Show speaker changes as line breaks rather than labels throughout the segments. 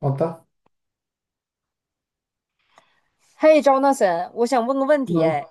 好的。
嘿，Jonathan，我想问个问题，
嗯。
哎，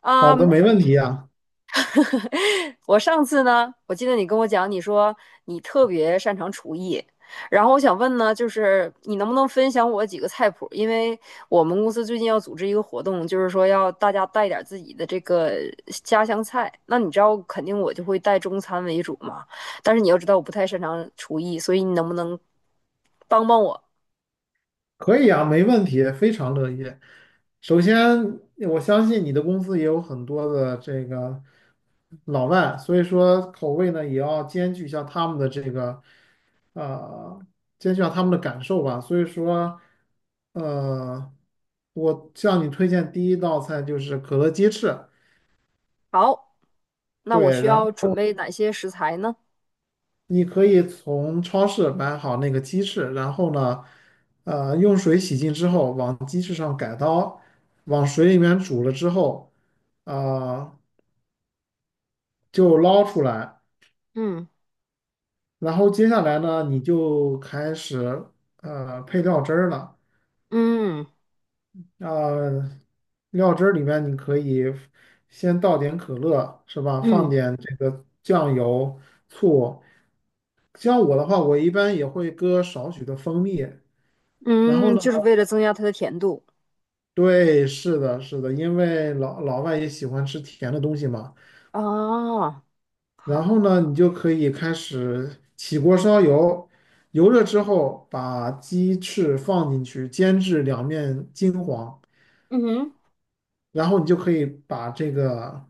啊、
好的，没问题啊。
我上次呢，我记得你跟我讲，你说你特别擅长厨艺。然后我想问呢，就是你能不能分享我几个菜谱？因为我们公司最近要组织一个活动，就是说要大家带点自己的这个家乡菜。那你知道，肯定我就会带中餐为主嘛，但是你要知道，我不太擅长厨艺，所以你能不能帮帮我？
可以啊，没问题，非常乐意。首先，我相信你的公司也有很多的这个老外，所以说口味呢也要兼具一下他们的这个，呃，兼具一下他们的感受吧。所以说，呃，我向你推荐第一道菜就是可乐鸡翅。
好，那我
对，
需要准备哪些食材呢？
你可以从超市买好那个鸡翅，然后呢，用水洗净之后，往鸡翅上改刀，往水里面煮了之后，呃，就捞出来。
嗯。
然后接下来呢，你就开始配料汁儿了。
嗯，
呃，料汁儿里面你可以先倒点可乐，是吧？放
嗯
点这个酱油、醋。像我的话，我一般也会搁少许的蜂蜜。然后
嗯，
呢？
就是为了增加它的甜度。
对，是的，是的，因为老老外也喜欢吃甜的东西嘛。
哦，
然
好，
后呢，你就可以开始起锅烧油，油热之后把鸡翅放进去，煎至两面金黄，
嗯哼，
然后你就可以把这个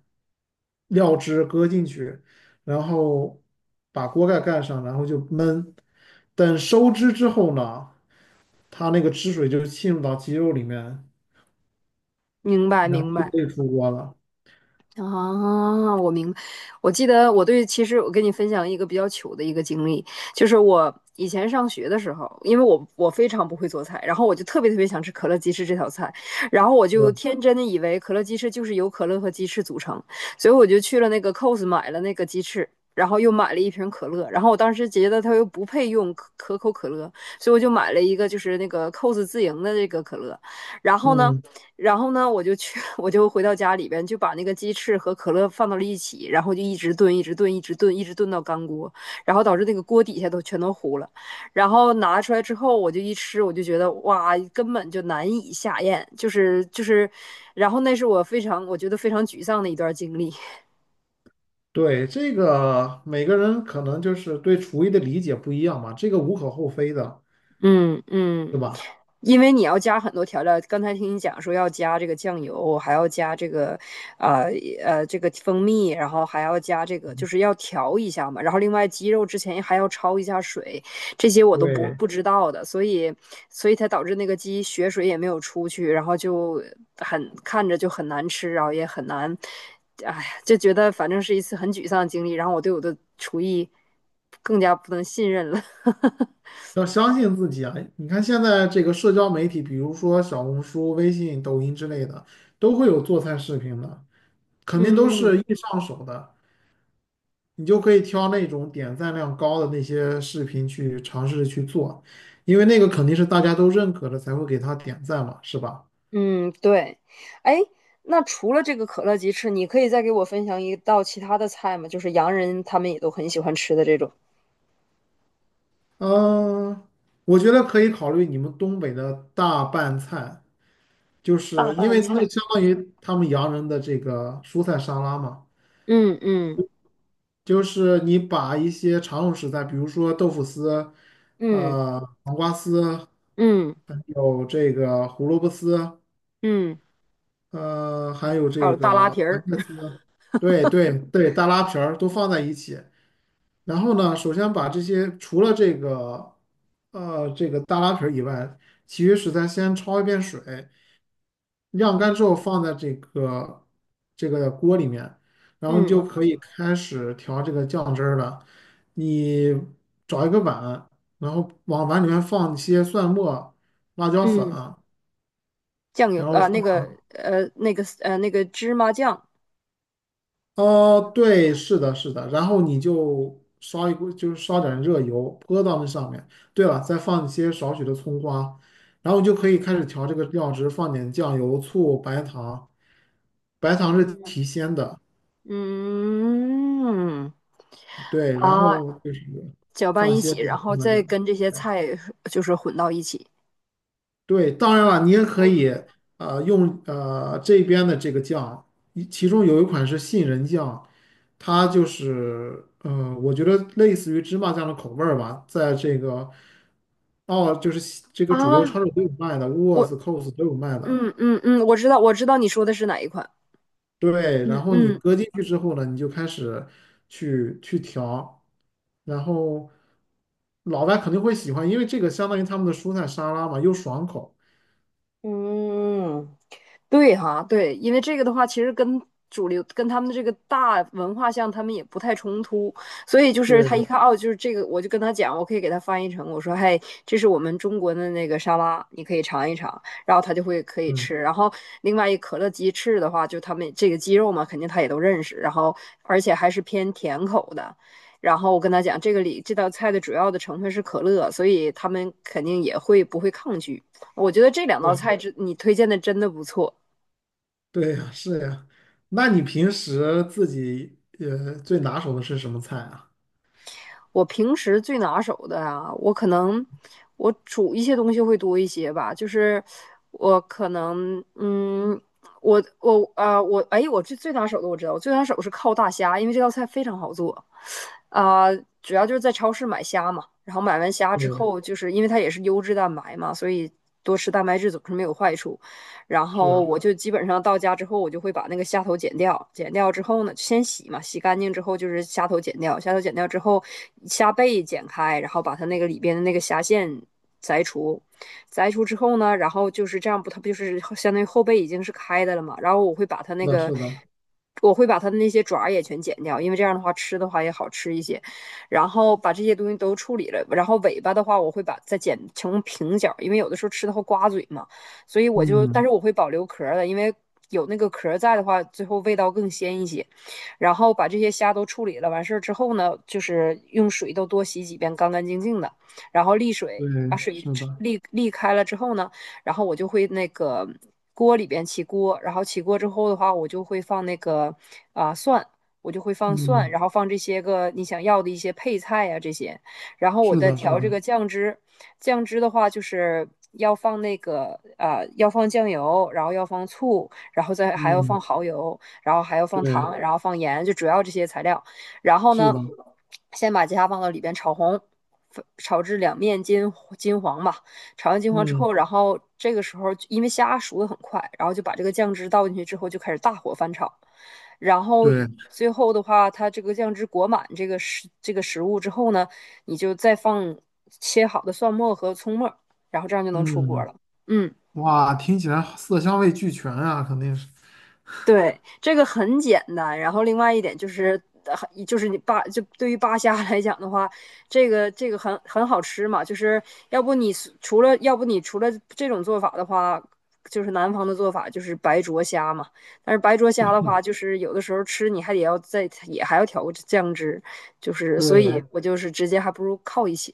料汁搁进去，然后把锅盖盖上，然后就焖。等收汁之后呢，它那个汁水就浸入到鸡肉里面，
明白
然后
明
就
白。
可以出锅了。
啊，我明白。我记得我对，其实我跟你分享一个比较糗的一个经历，就是我以前上学的时候，因为我非常不会做菜，然后我就特别特别想吃可乐鸡翅这道菜，然后我
是
就
吧，
天真的以为可乐鸡翅就是由可乐和鸡翅组成，所以我就去了那个 COS 买了那个鸡翅。然后又买了一瓶可乐，然后我当时觉得它又不配用可口可乐，所以我就买了一个就是那个 COS 自营的这个可乐。然后呢，
嗯。
然后呢，我就去，我就回到家里边，就把那个鸡翅和可乐放到了一起，然后就一直炖，一直炖，一直炖，一直炖到干锅，然后导致那个锅底下都全都糊了。然后拿出来之后，我就一吃，我就觉得哇，根本就难以下咽，就是，然后那是我觉得非常沮丧的一段经历。
对，这个每个人可能就是对厨艺的理解不一样嘛，这个无可厚非的，
嗯嗯。
对吧？
因为你要加很多调料，刚才听你讲说要加这个酱油，还要加这个，呃这个蜂蜜，然后还要加这个，就是要调一下嘛。然后另外鸡肉之前还要焯一下水，这些我都
对，
不知道的，所以才导致那个鸡血水也没有出去，然后就很看着就很难吃，然后也很难，哎，就觉得反正是一次很沮丧的经历，然后我对我的厨艺更加不能信任了。
要相信自己啊！你看现在这个社交媒体，比如说小红书、微信、抖音之类的，都会有做菜视频的，肯定都
嗯。
是易上手的，你就可以挑那种点赞量高的那些视频去尝试着去做，因为那个肯定是大家都认可的，才会给他点赞嘛，是吧？
嗯，对。哎，那除了这个可乐鸡翅，你可以再给我分享一道其他的菜吗？就是洋人他们也都很喜欢吃的这种。
嗯、我觉得可以考虑你们东北的大拌菜。就是因为那相当于他们洋人的这个蔬菜沙拉嘛，
嗯，嗯，
就是你把一些常用食材，比如说豆腐丝、
嗯，
黄瓜丝，
嗯，
还有这个胡萝卜丝，
嗯，
还有
还
这
有大拉
个
皮
白
儿。
菜丝。对对对，大拉皮儿都放在一起。然后呢，首先把这些除了这个这个大拉皮儿以外，其余食材先焯一遍水，晾干之后放在这个锅里面，然后你就
嗯
可以开始调这个酱汁儿了。你找一个碗，然后往碗里面放一些蒜末、辣椒粉，
嗯，酱油
然后
啊，
放
那个那个芝麻酱。
哦，对，是的，是的，然后你就烧一锅，就是烧点热油泼到那上面。对了，再放一些少许的葱花，然后你就可以开始调这个料汁，放点酱油、醋、白糖。白糖是提鲜的，
嗯
对，然
啊，
后就是
搅拌
放
一
些
起，
这个
然
芝
后
麻
再
酱。
跟这些
对，
菜就是混到一起。
对，当然了，你也可以用这边的这个酱，其中有一款是杏仁酱，它就是呃，我觉得类似于芝麻酱的口味儿吧，在这个哦，就是这个主
啊，
流超市都有卖的 w o o l o r
我
t h s Coles 都有卖的。
嗯嗯嗯，我知道我知道你说的是哪一款。
对，然
嗯
后你
嗯，
搁进去之后呢，你就开始去调，然后老外肯定会喜欢，因为这个相当于他们的蔬菜沙拉嘛，又爽口。
嗯，对哈，对，因为这个的话，其实跟主流跟他们的这个大文化像，他们也不太冲突，所以就是他一
对，
看哦，就是这个，我就跟他讲，我可以给他翻译成，我说，嘿，这是我们中国的那个沙拉，你可以尝一尝，然后他就会可以
嗯，
吃。然后另外一可乐鸡翅的话，就他们这个鸡肉嘛，肯定他也都认识，然后而且还是偏甜口的。然后我跟他讲，这个里这道菜的主要的成分是可乐，所以他们肯定也会不会抗拒。我觉得这两道
对，
菜之你推荐的真的不错。
对呀，是呀。那你平时自己最拿手的是什么菜啊？
我平时最拿手的啊，我可能我煮一些东西会多一些吧，就是我可能我我啊、我哎，我最拿手的我知道，我最拿手是靠大虾，因为这道菜非常好做，啊、主要就是在超市买虾嘛，然后买完虾之
对，
后，就是因为它也是优质蛋白嘛，所以多吃蛋白质总是没有坏处。然
是
后
啊，
我就基本上到家之后，我就会把那个虾头剪掉，剪掉之后呢，先洗嘛，洗干净之后就是虾头剪掉，虾头剪掉之后，虾背剪开，然后把它那个里边的那个虾线摘除，摘除之后呢，然后就是这样不，它不就是相当于后背已经是开的了嘛，然后我会把它
是
那
的，
个。
是的，
我会把它的那些爪也全剪掉，因为这样的话吃的话也好吃一些。然后把这些东西都处理了，然后尾巴的话我会把再剪成平角，因为有的时候吃的会刮嘴嘛。所以我就，但
嗯，
是我会保留壳的，因为有那个壳在的话，最后味道更鲜一些。然后把这些虾都处理了，完事儿之后呢，就是用水都多洗几遍，干干净净的，然后沥水，
对，
把水
是的，
沥开了之后呢，然后我就会那个锅里边起锅，然后起锅之后的话，我就会放那个蒜，我就会放蒜，
嗯，
然后放这些个你想要的一些配菜呀、这些。然后我
是
再
的，是
调
的，
这个酱汁。酱汁的话，就是要放那个要放酱油，然后要放醋，然后再还要放
嗯，
蚝油，然后还要放
对，
糖，然后放盐，就主要这些材料。然后
是
呢，
的，
先把鸡虾放到里边炒红，炒至两面金黄吧。炒完金黄之
嗯，
后，然后这个时候因为虾熟的很快，然后就把这个酱汁倒进去之后，就开始大火翻炒。然后
对，
最后的话，它这个酱汁裹满这个食物之后呢，你就再放切好的蒜末和葱末，然后这样就能出锅
嗯。
了。嗯，
哇，听起来色香味俱全啊，肯定是，
对，这个很简单。然后另外一点就是，就是你扒，就对于扒虾来讲的话，这个很好吃嘛。就是要不你除了这种做法的话，就是南方的做法就是白灼虾嘛。但是白灼虾的话，就是有的时候吃你还得要再也还要调个酱汁，就是所以
对，
我就是直接还不如靠一些。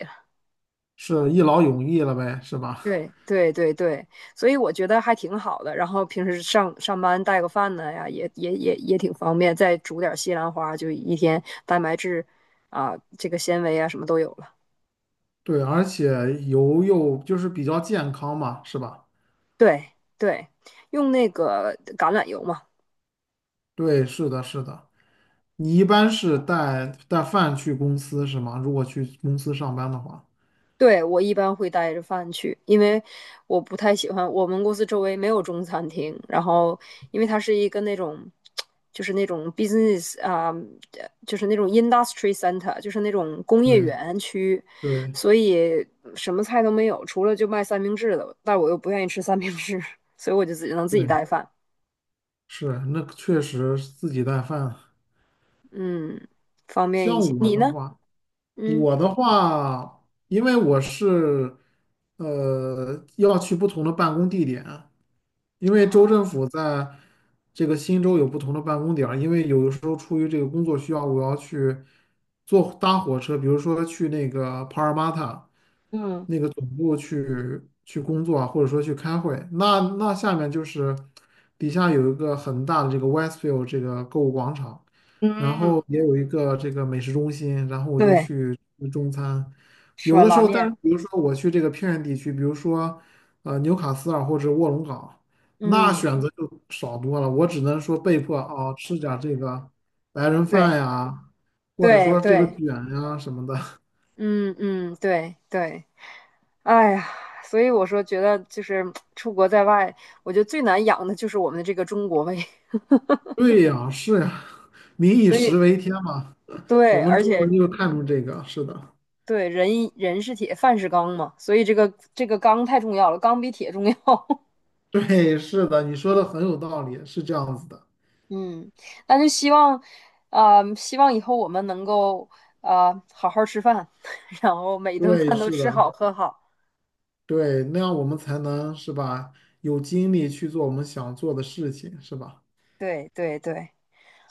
是一劳永逸了呗，是吧？
对对对对，所以我觉得还挺好的。然后平时上班带个饭呢呀，也挺方便。再煮点西兰花，就一天蛋白质啊，这个纤维啊，什么都有了。
对，而且油又就是比较健康嘛，是吧？
对对，用那个橄榄油嘛，
对，是的，是的。你一般是带饭去公司是吗？如果去公司上班的话，
对，我一般会带着饭去，因为我不太喜欢我们公司周围没有中餐厅。然后，因为它是一个那种，就是那种 business 啊、就是那种 industry center，就是那种工业
对
园区，
对
所以什么菜都没有，除了就卖三明治的。但我又不愿意吃三明治，所以我就只能自己
对，
带饭，
是，那确实自己带饭。
嗯，方便一些。
像我
你
的
呢？
话，
嗯，
因为我是要去不同的办公地点。因为州政
哦，
府在这个新州有不同的办公点儿，因为有的时候出于这个工作需要，我要去坐搭火车，比如说去那个帕尔马塔，
嗯，
那个总部去工作啊，或者说去开会。那下面就是底下有一个很大的这个 Westfield 这个购物广场，然
嗯，
后也有一个这个美食中心，然后我就
对，
去吃中餐。
是
有
吧？
的时
拉
候，但是
面，
比如说我去这个偏远地区，比如说纽卡斯尔或者卧龙岗，那
嗯，
选择就少多了。我只能说被迫哦吃点儿这个白人饭
对
呀，或者
对
说这个
对。
卷呀什么的。
嗯嗯，对对，哎呀，所以我说觉得就是出国在外，我觉得最难养的就是我们的这个中国胃，
对呀，是呀，民 以
所以
食为天嘛。我
对，
们
而
中国
且
人就看重这个，是的，
对人一人是铁，饭是钢嘛，所以这个钢太重要了，钢比铁重要。
对，是的，你说的很有道理，是这样子的，
嗯，那就希望，希望以后我们能够，好好吃饭。然后每一顿
对，
饭都
是
吃好
的，
喝好。
对，那样我们才能是吧，有精力去做我们想做的事情，是吧
对对对，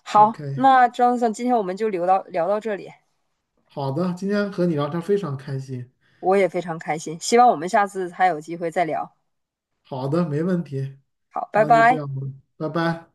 好，
？OK，
那 Johnson，今天我们就聊到这里。
好的，今天和你聊天非常开心。
我也非常开心，希望我们下次还有机会再聊。
好的，没问题，
好，拜
那就这
拜。
样吧，拜拜。